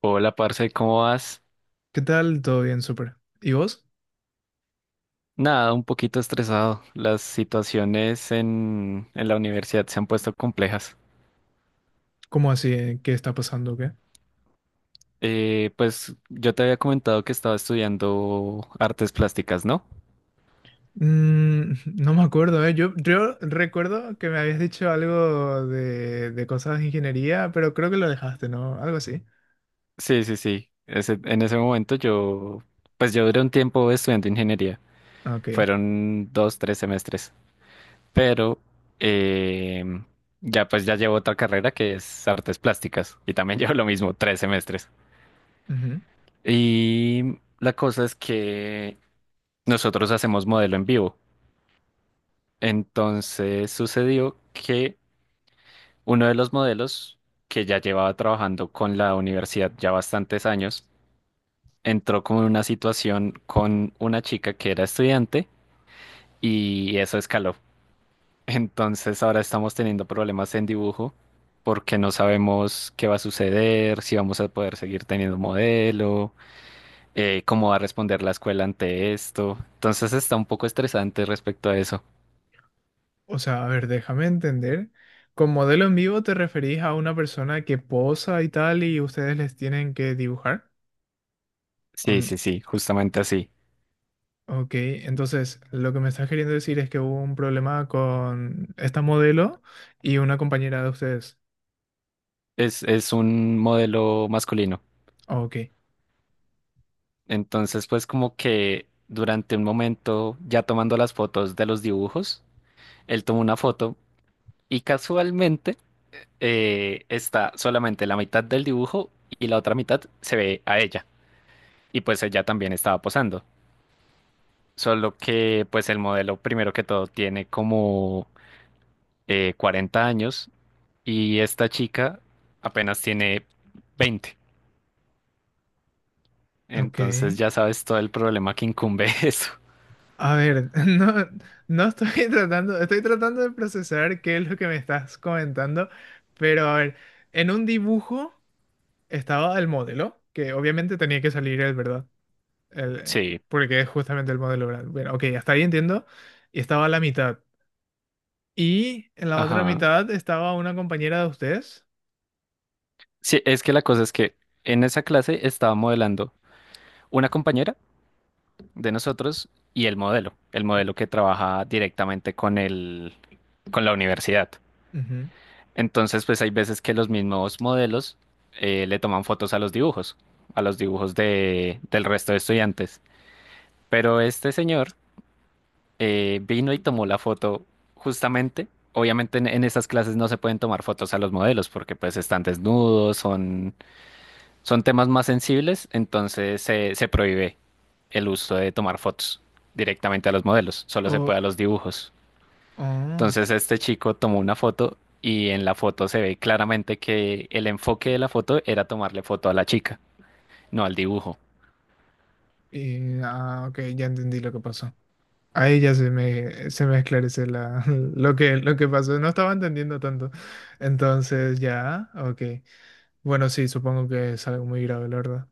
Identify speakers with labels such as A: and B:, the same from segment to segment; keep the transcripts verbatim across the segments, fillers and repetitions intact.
A: Hola, parce, ¿cómo vas?
B: ¿Qué tal? Todo bien, súper. ¿Y vos?
A: Nada, un poquito estresado. Las situaciones en, en la universidad se han puesto complejas.
B: ¿Cómo así? ¿Eh? ¿Qué está pasando? ¿Qué?
A: Eh, pues yo te había comentado que estaba estudiando artes plásticas, ¿no?
B: Mm, no me acuerdo, ¿eh? Yo, yo recuerdo que me habías dicho algo de, de cosas de ingeniería, pero creo que lo dejaste, ¿no? Algo así.
A: Sí, sí, sí. Ese- en ese momento yo, pues yo duré un tiempo estudiando ingeniería.
B: Ah, ok.
A: Fueron dos, tres semestres. Pero eh, ya pues ya llevo otra carrera que es artes plásticas. Y también llevo lo mismo, tres semestres.
B: Ujú.
A: Y la cosa es que nosotros hacemos modelo en vivo. Entonces sucedió que uno de los modelos que ya llevaba trabajando con la universidad ya bastantes años, entró con una situación con una chica que era estudiante y eso escaló. Entonces ahora estamos teniendo problemas en dibujo porque no sabemos qué va a suceder, si vamos a poder seguir teniendo modelo, eh, cómo va a responder la escuela ante esto. Entonces está un poco estresante respecto a eso.
B: O sea, a ver, déjame entender. Con modelo en vivo te referís a una persona que posa y tal y ustedes les tienen que dibujar.
A: Sí,
B: On-
A: sí, sí, justamente así.
B: ok, entonces lo que me estás queriendo decir es que hubo un problema con esta modelo y una compañera de ustedes.
A: es, es un modelo masculino.
B: Ok.
A: Entonces, pues como que durante un momento, ya tomando las fotos de los dibujos, él tomó una foto y casualmente eh, está solamente la mitad del dibujo y la otra mitad se ve a ella. Y pues ella también estaba posando. Solo que pues el modelo, primero que todo, tiene como eh, cuarenta años y esta chica apenas tiene veinte.
B: Ok.
A: Entonces ya sabes todo el problema que incumbe eso.
B: A ver, no, no estoy tratando, estoy tratando de procesar qué es lo que me estás comentando, pero a ver, en un dibujo estaba el modelo, que obviamente tenía que salir, el, verdad, el,
A: Sí,
B: porque es justamente el modelo, ¿verdad? Bueno, ok, hasta ahí entiendo, y estaba a la mitad. Y en la otra
A: ajá.
B: mitad estaba una compañera de ustedes.
A: Sí, es que la cosa es que en esa clase estaba modelando una compañera de nosotros y el modelo, el
B: Mm,
A: modelo que trabaja directamente con el, con la universidad.
B: ujú.
A: Entonces, pues hay veces que los mismos modelos eh, le toman fotos a los dibujos, a los dibujos de, del resto de estudiantes. Pero este señor eh, vino y tomó la foto justamente. Obviamente en, en esas clases no se pueden tomar fotos a los modelos porque pues están desnudos, son son temas más sensibles, entonces se, se prohíbe el uso de tomar fotos directamente a los modelos, solo se
B: O,
A: puede a los dibujos.
B: oh,
A: Entonces este chico tomó una foto y en la foto se ve claramente que el enfoque de la foto era tomarle foto a la chica, no al dibujo.
B: y, ah, ok, ya entendí lo que pasó. Ahí ya se me, se me esclarece la, lo que, lo que pasó. No estaba entendiendo tanto. Entonces, ya, ok. Bueno, sí, supongo que es algo muy grave, la verdad.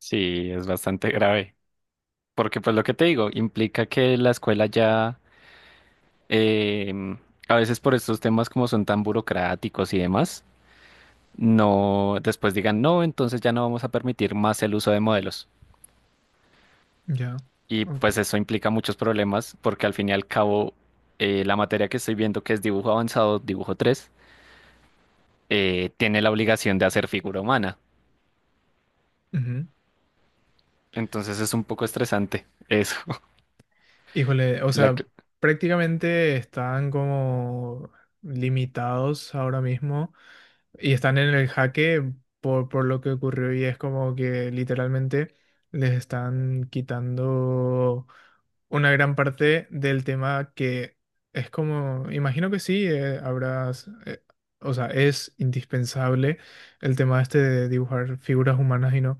A: Sí, es bastante grave, porque pues lo que te digo, implica que la escuela ya, em, a veces por estos temas como son tan burocráticos y demás, no, después digan, no, entonces ya no vamos a permitir más el uso de modelos.
B: Ya.
A: Y
B: Ok.
A: pues eso implica muchos problemas porque al fin y al cabo eh, la materia que estoy viendo que es dibujo avanzado, dibujo tres eh, tiene la obligación de hacer figura humana.
B: Ujú.
A: Entonces es un poco estresante eso.
B: Híjole, o
A: La
B: sea,
A: cl-
B: prácticamente están como limitados ahora mismo y están en el jaque por, por lo que ocurrió, y es como que literalmente les están quitando una gran parte del tema, que es como, imagino que sí, eh, habrás, eh, o sea, es indispensable el tema este de dibujar figuras humanas, y no.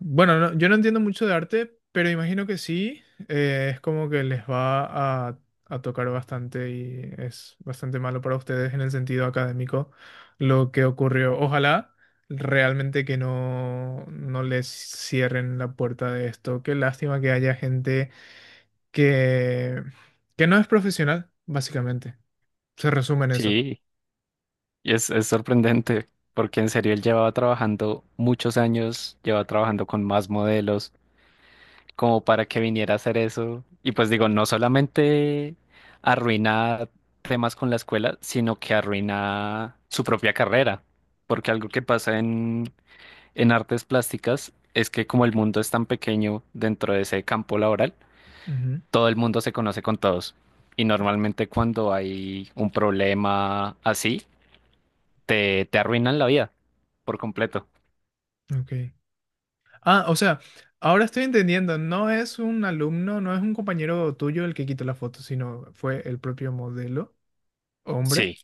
B: Bueno, no- yo no entiendo mucho de arte, pero imagino que sí. eh, es como que les va a, a tocar bastante, y es bastante malo para ustedes en el sentido académico lo que ocurrió. Ojalá realmente que no, no les cierren la puerta de esto. Qué lástima que haya gente que, que no es profesional, básicamente. Se resume en eso.
A: sí, y es, es sorprendente porque en serio él llevaba trabajando muchos años, llevaba trabajando con más modelos como para que viniera a hacer eso. Y pues digo, no solamente arruina temas con la escuela, sino que arruina su propia carrera. Porque algo que pasa en, en artes plásticas es que como el mundo es tan pequeño dentro de ese campo laboral, todo el mundo se conoce con todos. Y normalmente cuando hay un problema así, te, te arruinan la vida por completo.
B: Ujú, ok. Ah, o sea, ahora estoy entendiendo, no es un alumno, no es un compañero tuyo el que quitó la foto, sino fue el propio modelo, hombre.
A: Sí,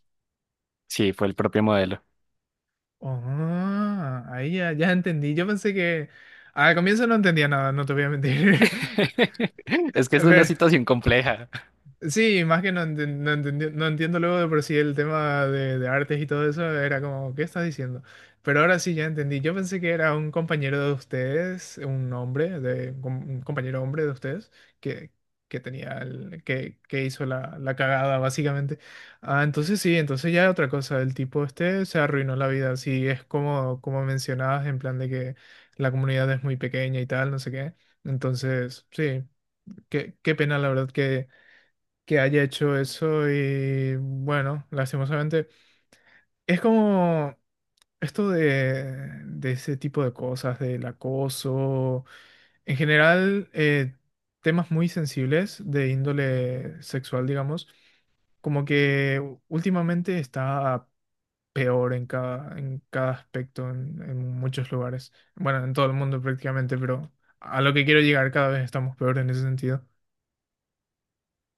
A: sí, fue el propio modelo.
B: Ah, ahí ya, ya entendí. Yo pensé que al comienzo no entendía nada, no te voy a mentir.
A: Es que es una
B: Pero,
A: situación compleja.
B: sí, más que no, enten- no, entendi- no entiendo luego de por sí el tema de, de artes y todo eso, era como, ¿qué estás diciendo? Pero ahora sí ya entendí. Yo pensé que era un compañero de ustedes, un hombre, de, un com- un compañero hombre de ustedes, que, que tenía el- que, que hizo la, la cagada, básicamente. Ah, entonces sí, entonces ya otra cosa. El tipo este se arruinó la vida. Sí, es como, como mencionabas, en plan de que la comunidad es muy pequeña y tal, no sé qué. Entonces, sí, qué, qué pena, la verdad, que haya hecho eso, y bueno, lastimosamente es como esto de, de ese tipo de cosas, del acoso, en general eh, temas muy sensibles de índole sexual, digamos, como que u- últimamente está peor en cada, en cada aspecto, en, en muchos lugares, bueno, en todo el mundo prácticamente, pero a lo que quiero llegar, cada vez estamos peor en ese sentido.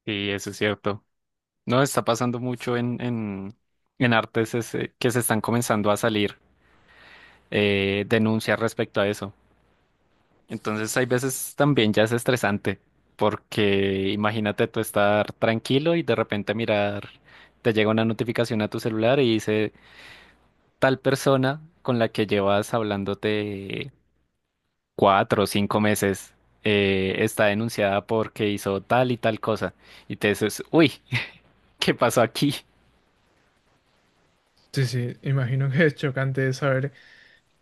A: Sí, eso es cierto. No, está pasando mucho en, en, en artes ese- que se están comenzando a salir eh, denuncias respecto a eso. Entonces, hay veces también ya es estresante, porque imagínate tú estar tranquilo y de repente mirar, te llega una notificación a tu celular y dice tal persona con la que llevas hablándote cuatro o cinco meses eh, está denunciada porque hizo tal y tal cosa. Y te dices, uy, ¿qué pasó aquí?
B: Sí, sí, imagino que es chocante saber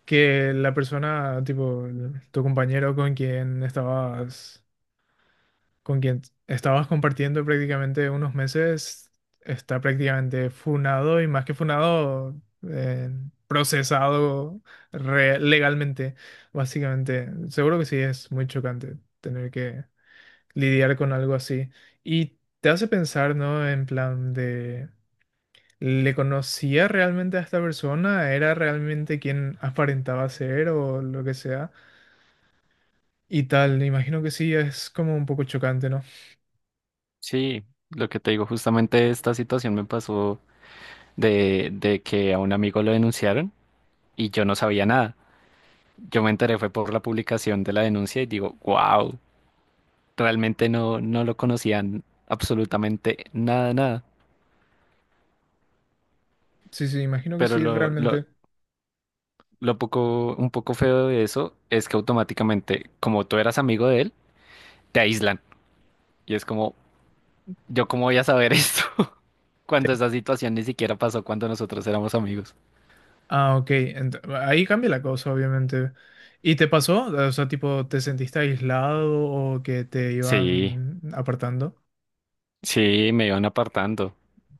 B: que la persona, tipo, tu compañero con quien estabas, con quien estabas compartiendo prácticamente unos meses, está prácticamente funado y más que funado, eh, procesado re- legalmente, básicamente. Seguro que sí es muy chocante tener que lidiar con algo así. Y te hace pensar, ¿no? En plan de... ¿Le conocía realmente a esta persona? ¿Era realmente quien aparentaba ser o lo que sea? Y tal, imagino que sí, es como un poco chocante, ¿no?
A: Sí, lo que te digo, justamente esta situación me pasó de, de que a un amigo lo denunciaron y yo no sabía nada. Yo me enteré fue por la publicación de la denuncia y digo, wow, realmente no, no lo conocían absolutamente nada, nada.
B: Sí, sí, imagino que
A: Pero
B: sí,
A: lo, lo,
B: realmente.
A: lo poco, un poco feo de eso es que automáticamente, como tú eras amigo de él, te aíslan. Y es como, ¿yo cómo voy a saber esto? Cuando esa situación ni siquiera pasó cuando nosotros éramos amigos.
B: Ah, ok, ent- ahí cambia la cosa, obviamente. ¿Y te pasó? O sea, tipo, ¿te sentiste aislado o que te
A: Sí.
B: iban apartando?
A: Sí, me iban apartando.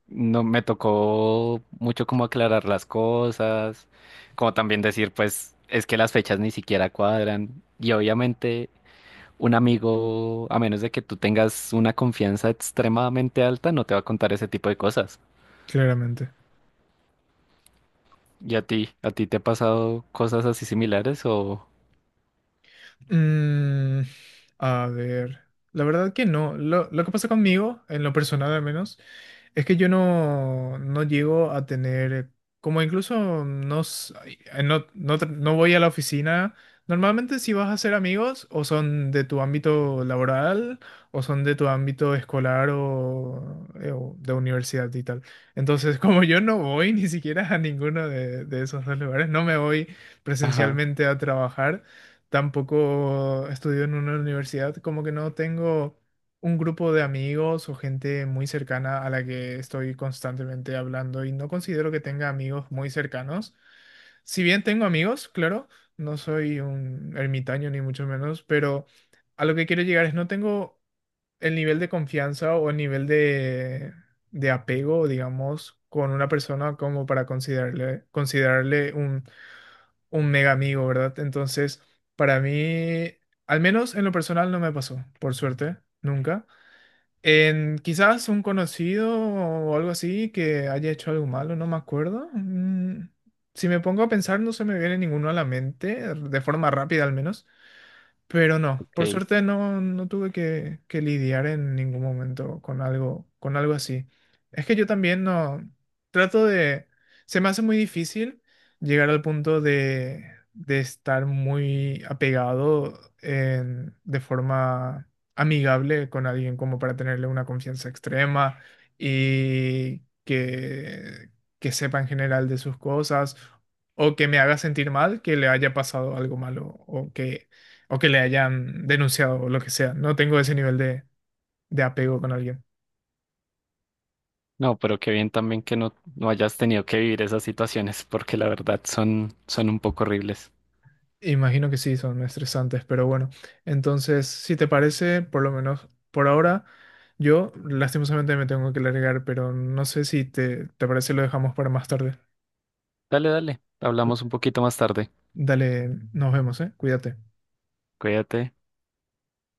A: No me tocó mucho como aclarar las cosas, como también decir, pues, es que las fechas ni siquiera cuadran. Y obviamente un amigo, a menos de que tú tengas una confianza extremadamente alta, no te va a contar ese tipo de cosas.
B: Claramente.
A: ¿Y a ti? ¿A ti te ha pasado cosas así similares o...?
B: Mm, a ver, la verdad que no. Lo, lo que pasa conmigo, en lo personal al menos, es que yo no, no llego a tener, como incluso no, s- ay, eh, no, no, tra- no voy a la oficina. Normalmente si vas a hacer amigos, o son de tu ámbito laboral, o son de tu ámbito escolar o, eh, o de universidad y tal. Entonces, como yo no voy ni siquiera a ninguno de, de esos dos lugares, no me voy
A: Ajá,
B: presencialmente a trabajar, tampoco estudio en una universidad, como que no tengo un grupo de amigos o gente muy cercana a la que estoy constantemente hablando, y no considero que tenga amigos muy cercanos. Si bien tengo amigos, claro, no soy un ermitaño ni mucho menos, pero a lo que quiero llegar es, no tengo el nivel de confianza o el nivel de, de apego, digamos, con una persona como para considerarle, considerarle un un mega amigo, ¿verdad? Entonces, para mí, al menos en lo personal no me pasó, por suerte, nunca. En quizás un conocido o algo así que haya hecho algo malo, no me acuerdo. Mm, si me pongo a pensar, no se me viene ninguno a la mente, de forma rápida al menos. Pero no, por
A: ok.
B: suerte no, no tuve que, que lidiar en ningún momento con algo, con algo así. Es que yo también no trato de, se me hace muy difícil llegar al punto de, de estar muy apegado en- de forma amigable con alguien como para tenerle una confianza extrema y que, que sepa en general de sus cosas o que me haga sentir mal que le haya pasado algo malo o que o que le hayan denunciado o lo que sea. No tengo ese nivel de, de apego con alguien.
A: No, pero qué bien también que no, no hayas tenido que vivir esas situaciones, porque la verdad son, son un poco horribles.
B: Imagino que sí, son estresantes, pero bueno. Entonces, si te parece, por lo menos por ahora, yo lastimosamente me tengo que largar, pero no sé si te, te parece lo dejamos para más tarde.
A: Dale, dale. Hablamos un poquito más tarde.
B: Dale, nos vemos, ¿eh? Cuídate.
A: Cuídate.